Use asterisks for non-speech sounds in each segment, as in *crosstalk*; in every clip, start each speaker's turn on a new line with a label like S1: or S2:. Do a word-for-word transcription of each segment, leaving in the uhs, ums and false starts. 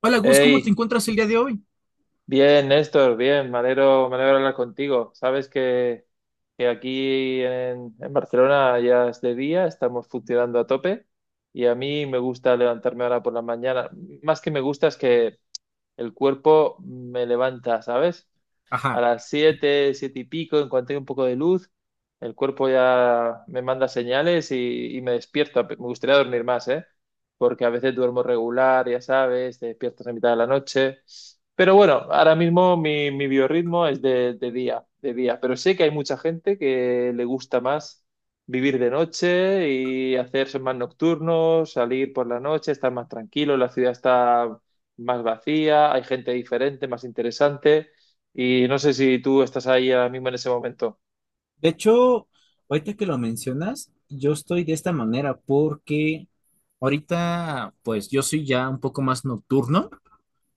S1: Hola Gus, ¿cómo te
S2: Hey,
S1: encuentras el día de hoy?
S2: bien, Néstor, bien, me alegro, me alegro hablar contigo. Sabes que, que aquí en, en Barcelona ya es de día, estamos funcionando a tope y a mí me gusta levantarme ahora por la mañana. Más que me gusta es que el cuerpo me levanta, ¿sabes? A las siete siete y pico, en cuanto hay un poco de luz, el cuerpo ya me manda señales y, y me despierto. Me gustaría dormir más, ¿eh? Porque a veces duermo regular, ya sabes, te despiertas a mitad de la noche. Pero bueno, ahora mismo mi, mi biorritmo es de, de día, de día. Pero sé que hay mucha gente que le gusta más vivir de noche y hacerse más nocturnos, salir por la noche, estar más tranquilo, la ciudad está más vacía, hay gente diferente, más interesante. Y no sé si tú estás ahí ahora mismo en ese momento.
S1: De hecho, ahorita que lo mencionas, yo estoy de esta manera porque ahorita, pues yo soy ya un poco más nocturno.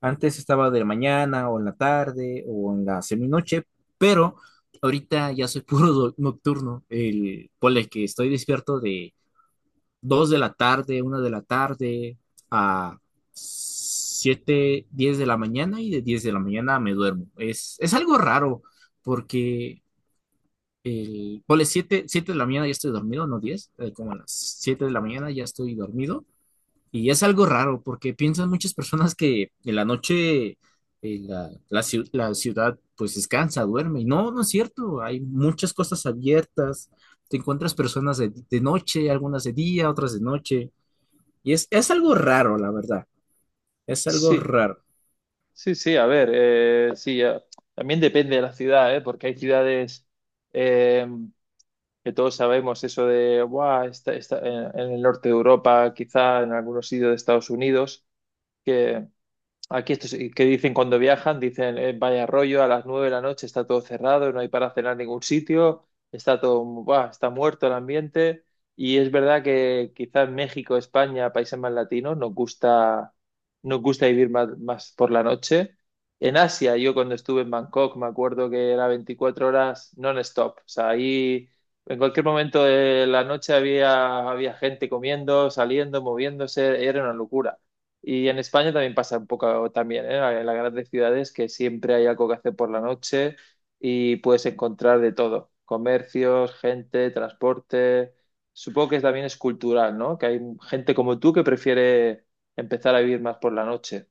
S1: Antes estaba de mañana o en la tarde o en la seminoche, pero ahorita ya soy *laughs* puro do- nocturno. El, ponle que estoy despierto de dos de la tarde, una de la tarde a siete, diez de la mañana y de diez de la mañana me duermo. Es, es algo raro porque el, ponle siete siete de la mañana ya estoy dormido, no diez eh, como a las siete de la mañana ya estoy dormido. Y es algo raro porque piensan muchas personas que en la noche eh, la, la ciu- la ciudad pues descansa, duerme. Y no, no es cierto, hay muchas cosas abiertas, te encuentras personas de, de noche, algunas de día, otras de noche. Y es, es algo raro, la verdad, es algo
S2: Sí,
S1: raro.
S2: sí, sí, a ver, eh, sí, eh, también depende de la ciudad, ¿eh? Porque hay ciudades, eh, que todos sabemos eso de "buah, está, está en, en el norte de Europa, quizá en algunos sitios de Estados Unidos, que, aquí estos que dicen cuando viajan, dicen, eh, vaya rollo, a las nueve de la noche está todo cerrado, no hay para cenar en ningún sitio, está todo, buah, está muerto el ambiente". Y es verdad que quizás México, España, países más latinos, nos gusta, nos gusta vivir más, más por la noche. En Asia, yo cuando estuve en Bangkok, me acuerdo que era veinticuatro horas non-stop. O sea, ahí en cualquier momento de la noche había, había gente comiendo, saliendo, moviéndose, era una locura. Y en España también pasa un poco también, ¿eh? En las grandes ciudades que siempre hay algo que hacer por la noche y puedes encontrar de todo, comercios, gente, transporte. Supongo que también es cultural, ¿no? Que hay gente como tú que prefiere empezar a vivir más por la noche.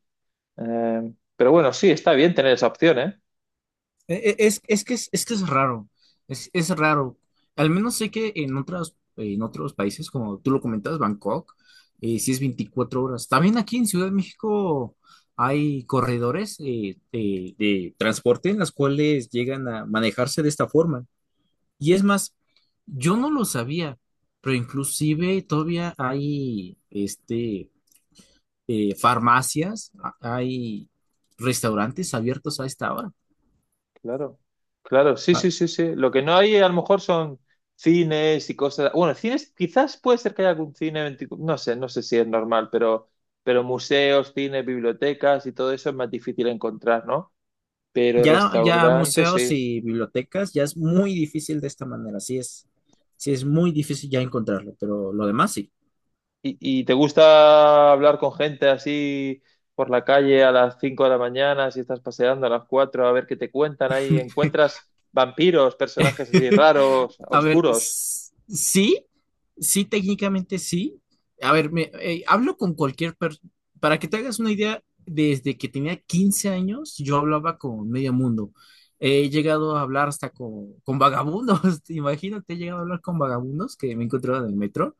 S2: Eh, pero bueno, sí, está bien tener esa opción, ¿eh?
S1: E- e- Es, es que es, es que es raro, es, es raro. Al menos sé que en otras, en otros países, como tú lo comentas, Bangkok, eh, sí es veinticuatro horas. También aquí en Ciudad de México hay corredores eh, de, de transporte en las cuales llegan a manejarse de esta forma. Y es más, yo no lo sabía, pero inclusive todavía hay este, eh, farmacias, a- hay restaurantes abiertos a esta hora.
S2: Claro, claro, sí,
S1: Ah,
S2: sí, sí, sí. Lo que no hay a lo mejor son cines y cosas. Bueno, cines, quizás puede ser que haya algún cine veinticuatro, no sé, no sé si es normal, pero, pero museos, cines, bibliotecas y todo eso es más difícil encontrar, ¿no? Pero
S1: ya, ya
S2: restaurantes,
S1: museos
S2: sí.
S1: y bibliotecas ya es muy difícil de esta manera, sí es, sí es muy difícil ya encontrarlo, pero lo demás sí.
S2: ¿Y, y te gusta hablar con gente así por la calle a las cinco de la mañana, si estás paseando a las cuatro a ver qué te cuentan ahí? ¿Encuentras vampiros, personajes así
S1: *laughs*
S2: raros,
S1: A ver,
S2: oscuros?
S1: s- sí, sí, técnicamente sí. A ver, me, eh, hablo con cualquier persona, para que te hagas una idea, desde que tenía quince años yo hablaba con medio mundo. He llegado a hablar hasta con, con vagabundos, *laughs* imagínate, he llegado a hablar con vagabundos que me encontraba en el metro.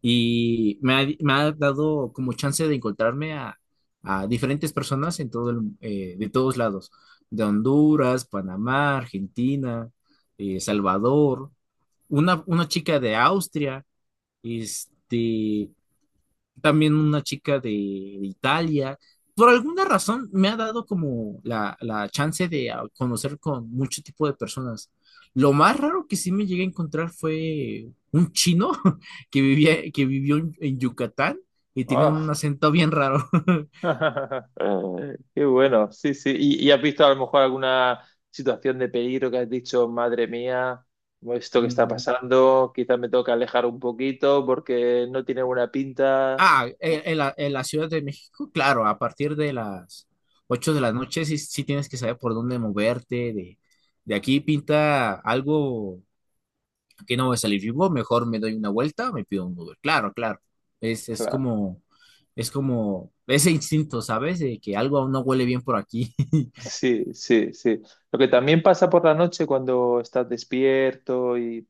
S1: Y me ha, me ha dado como chance de encontrarme a, a diferentes personas en todo el- eh, de todos lados, de Honduras, Panamá, Argentina, eh, Salvador, una, una chica de Austria, este, también una chica de Italia. Por alguna razón me ha dado como la, la chance de ah, conocer con mucho tipo de personas. Lo más raro que sí me llegué a encontrar fue un chino *laughs* que vivía, que vivió en, en Yucatán y tenía un
S2: ¡Ah!
S1: acento bien raro. *laughs*
S2: *laughs* Qué bueno, sí, sí. ¿Y, y has visto a lo mejor alguna situación de peligro que has dicho, madre mía, esto que está
S1: Mm,
S2: pasando, quizás me toca alejar un poquito porque no tiene buena pinta?
S1: Ah, en, en la, en la Ciudad de México, claro, a partir de las ocho de la noche sí, sí tienes que saber por dónde moverte, de, de aquí pinta algo que no voy a salir vivo, mejor me doy una vuelta, me pido un Uber. Claro, claro. Es, es
S2: Claro,
S1: como, es como ese instinto, ¿sabes? De que algo aún no huele bien por aquí. *laughs*
S2: sí, sí, sí. Lo que también pasa por la noche cuando estás despierto y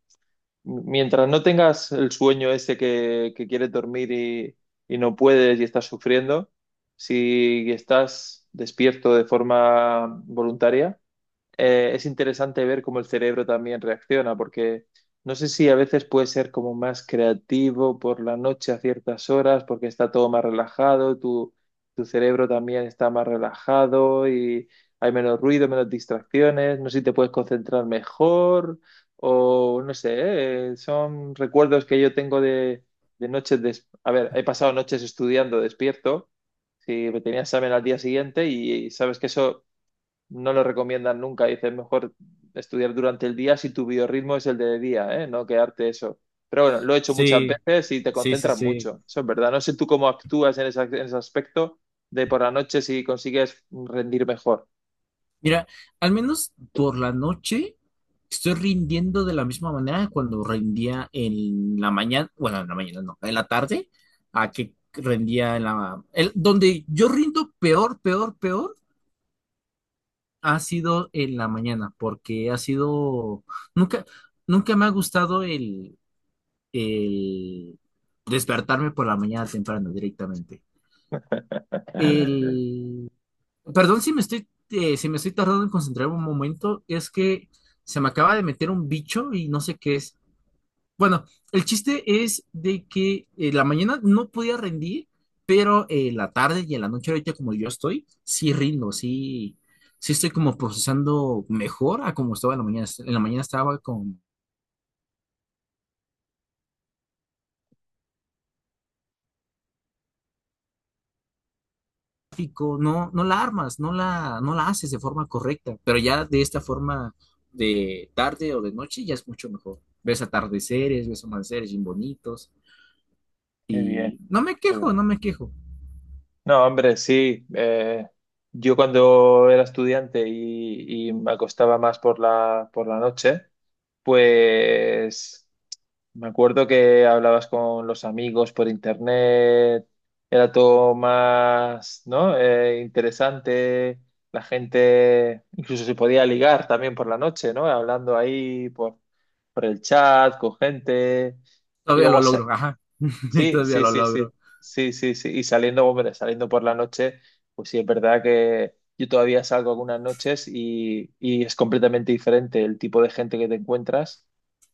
S2: m- mientras no tengas el sueño ese que, que quieres dormir y, y no puedes y estás sufriendo, si estás despierto de forma voluntaria, eh, es interesante ver cómo el cerebro también reacciona, porque no sé si a veces puede ser como más creativo por la noche a ciertas horas, porque está todo más relajado, tu, tu cerebro también está más relajado y hay menos ruido, menos distracciones, no sé si te puedes concentrar mejor o no sé, eh, son recuerdos que yo tengo de, de noches, des- a ver, he pasado noches estudiando despierto si me tenía examen al día siguiente y, y sabes que eso no lo recomiendan nunca. Dicen mejor estudiar durante el día si tu biorritmo es el de día, ¿eh? No quedarte eso. Pero bueno, lo he hecho muchas
S1: Sí,
S2: veces y te
S1: sí, sí,
S2: concentras
S1: sí.
S2: mucho. Eso es verdad. No sé tú cómo actúas en, esa- en ese aspecto de por la noche si consigues rendir mejor.
S1: Mira, al menos por la noche estoy rindiendo de la misma manera que cuando rendía en la mañana, bueno, en la mañana no, en la tarde, a que rendía en la... el- donde yo rindo peor, peor, peor ha sido en la mañana, porque ha sido, nunca, nunca me ha gustado el, el despertarme por la mañana temprano directamente.
S2: *laughs*
S1: El, perdón si me estoy, eh, si me estoy tardando en concentrarme un momento, es que se me acaba de meter un bicho y no sé qué es. Bueno, el chiste es de que eh, la mañana no podía rendir, pero eh, la tarde y en la noche ahorita como yo estoy, sí rindo, sí, sí estoy como procesando mejor a como estaba en la mañana. En la mañana estaba con tráfico, no, no la armas, no la, no la haces de forma correcta, pero ya de esta forma de tarde o de noche ya es mucho mejor. Ves atardeceres, ves amaneceres bien bonitos
S2: Qué bien,
S1: y no me
S2: qué
S1: quejo,
S2: bien.
S1: no me quejo.
S2: No, hombre, sí. eh, yo cuando era estudiante y, y me acostaba más por la, por la noche, pues. Me acuerdo que hablabas con los amigos por internet, era todo más, ¿no? Eh, interesante, la gente incluso se podía ligar también por la noche, ¿no? Hablando ahí por, por el chat con gente. Y
S1: Todavía lo
S2: luego se-
S1: logro, ajá, *laughs*
S2: Sí,
S1: todavía
S2: sí,
S1: lo
S2: sí, sí,
S1: logro.
S2: sí, sí, sí. Y saliendo, hombre, saliendo por la noche, pues sí, es verdad que yo todavía salgo algunas noches y, y es completamente diferente el tipo de gente que te encuentras,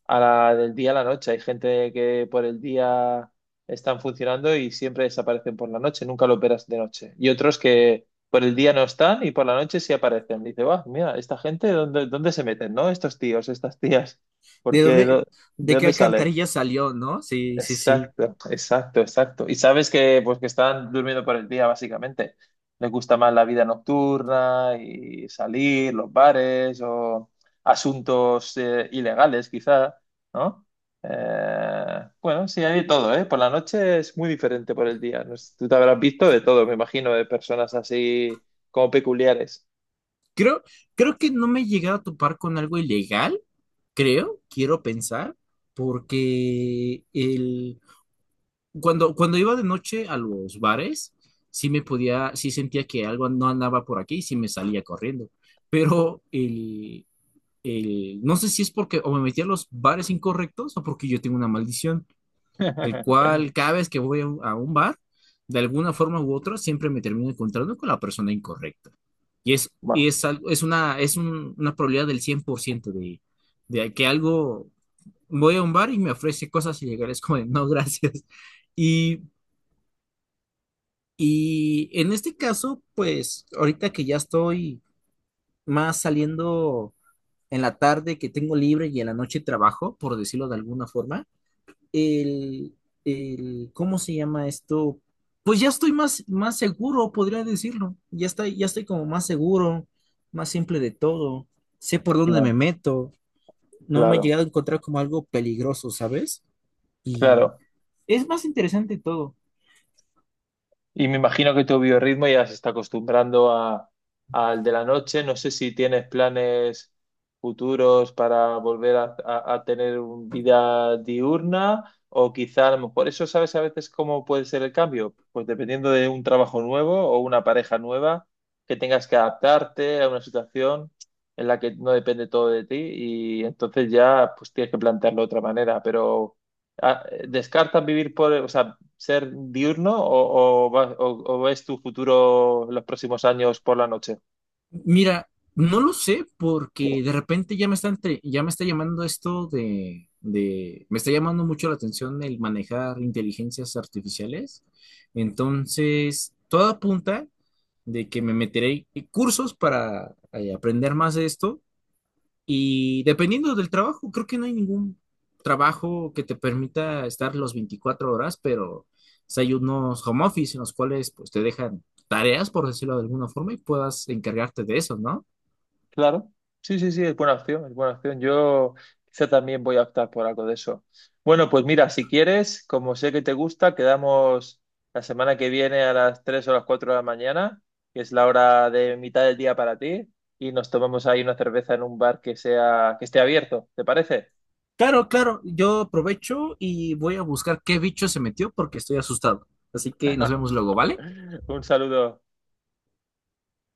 S2: a la del día a la noche. Hay gente que por el día están funcionando y siempre desaparecen por la noche, nunca lo verás de noche. Y otros que por el día no están y por la noche sí aparecen. Dice, va, mira, esta gente, ¿dónde, dónde se meten, no? Estos tíos, estas tías,
S1: ¿De
S2: porque
S1: dónde,
S2: ¿de
S1: de qué
S2: dónde salen?
S1: alcantarilla salió, ¿no? Sí, sí, sí.
S2: Exacto, exacto, exacto. Y sabes que pues que están durmiendo por el día, básicamente. Les gusta más la vida nocturna y salir, los bares o asuntos, eh, ilegales, quizá, ¿no? Eh, bueno, sí, hay de todo, ¿eh? Por la noche es muy diferente por el día. No sé, tú te habrás visto de todo, me imagino, de personas así como peculiares.
S1: Creo, creo que no me he llegado a topar con algo ilegal, creo, quiero pensar, porque el, cuando, cuando iba de noche a los bares, sí me podía, sí sentía que algo no andaba por aquí y sí me salía corriendo. Pero el, el, no sé si es porque o me metí a los bares incorrectos o porque yo tengo una maldición el
S2: *laughs*
S1: cual cada vez que voy a un, a un bar, de alguna forma u otra, siempre me termino encontrando con la persona incorrecta. Y es, y
S2: Bueno,
S1: es, algo, es, una, es un- una probabilidad del cien por ciento de, de, que algo, voy a un bar y me ofrece cosas y llegar es *laughs* como, de, no, gracias. Y, y en este caso, pues ahorita que ya estoy más saliendo en la tarde que tengo libre y en la noche trabajo, por decirlo de alguna forma, el, el- ¿cómo se llama esto? Pues ya estoy más, más seguro, podría decirlo. Ya estoy, ya estoy como más seguro, más simple de todo. Sé por dónde me
S2: claro,
S1: meto. No me he
S2: claro.
S1: llegado a encontrar como algo peligroso, ¿sabes? Y
S2: Claro.
S1: es más interesante todo.
S2: Y me imagino que tu biorritmo ya se está acostumbrando a, al de la noche. No sé si tienes planes futuros para volver a, a- a tener un- vida diurna, o quizá a lo mejor eso sabes a veces cómo puede ser el cambio. Pues dependiendo de un trabajo nuevo o una pareja nueva, que tengas que adaptarte a una situación en la que no depende todo de ti y entonces ya pues tienes que plantearlo de otra manera. Pero ah, ¿descartas vivir por, o sea, ser diurno o, o, va- o- o ves tu futuro los próximos años por la noche?
S1: Mira, no lo sé porque de repente ya me está entre- ya me está llamando esto de, de, me está llamando mucho la atención el manejar inteligencias artificiales. Entonces, todo apunta de que me meteré en cursos para eh, aprender más de esto y dependiendo del trabajo, creo que no hay ningún trabajo que te permita estar los veinticuatro horas, pero si hay unos home office en los cuales pues te dejan tareas, por decirlo de alguna forma, y puedas encargarte de eso, ¿no?
S2: Claro, sí, sí, sí, es buena opción, es buena opción. Yo quizá también voy a optar por algo de eso. Bueno, pues mira, si quieres, como sé que te gusta, quedamos la semana que viene a las tres o las cuatro de la mañana, que es la hora de mitad del día para ti, y nos tomamos ahí una cerveza en un bar que sea, que esté abierto, ¿te parece?
S1: Claro, claro, yo aprovecho y voy a buscar qué bicho se metió porque estoy asustado. Así que nos vemos
S2: *laughs*
S1: luego, ¿vale?
S2: Un saludo.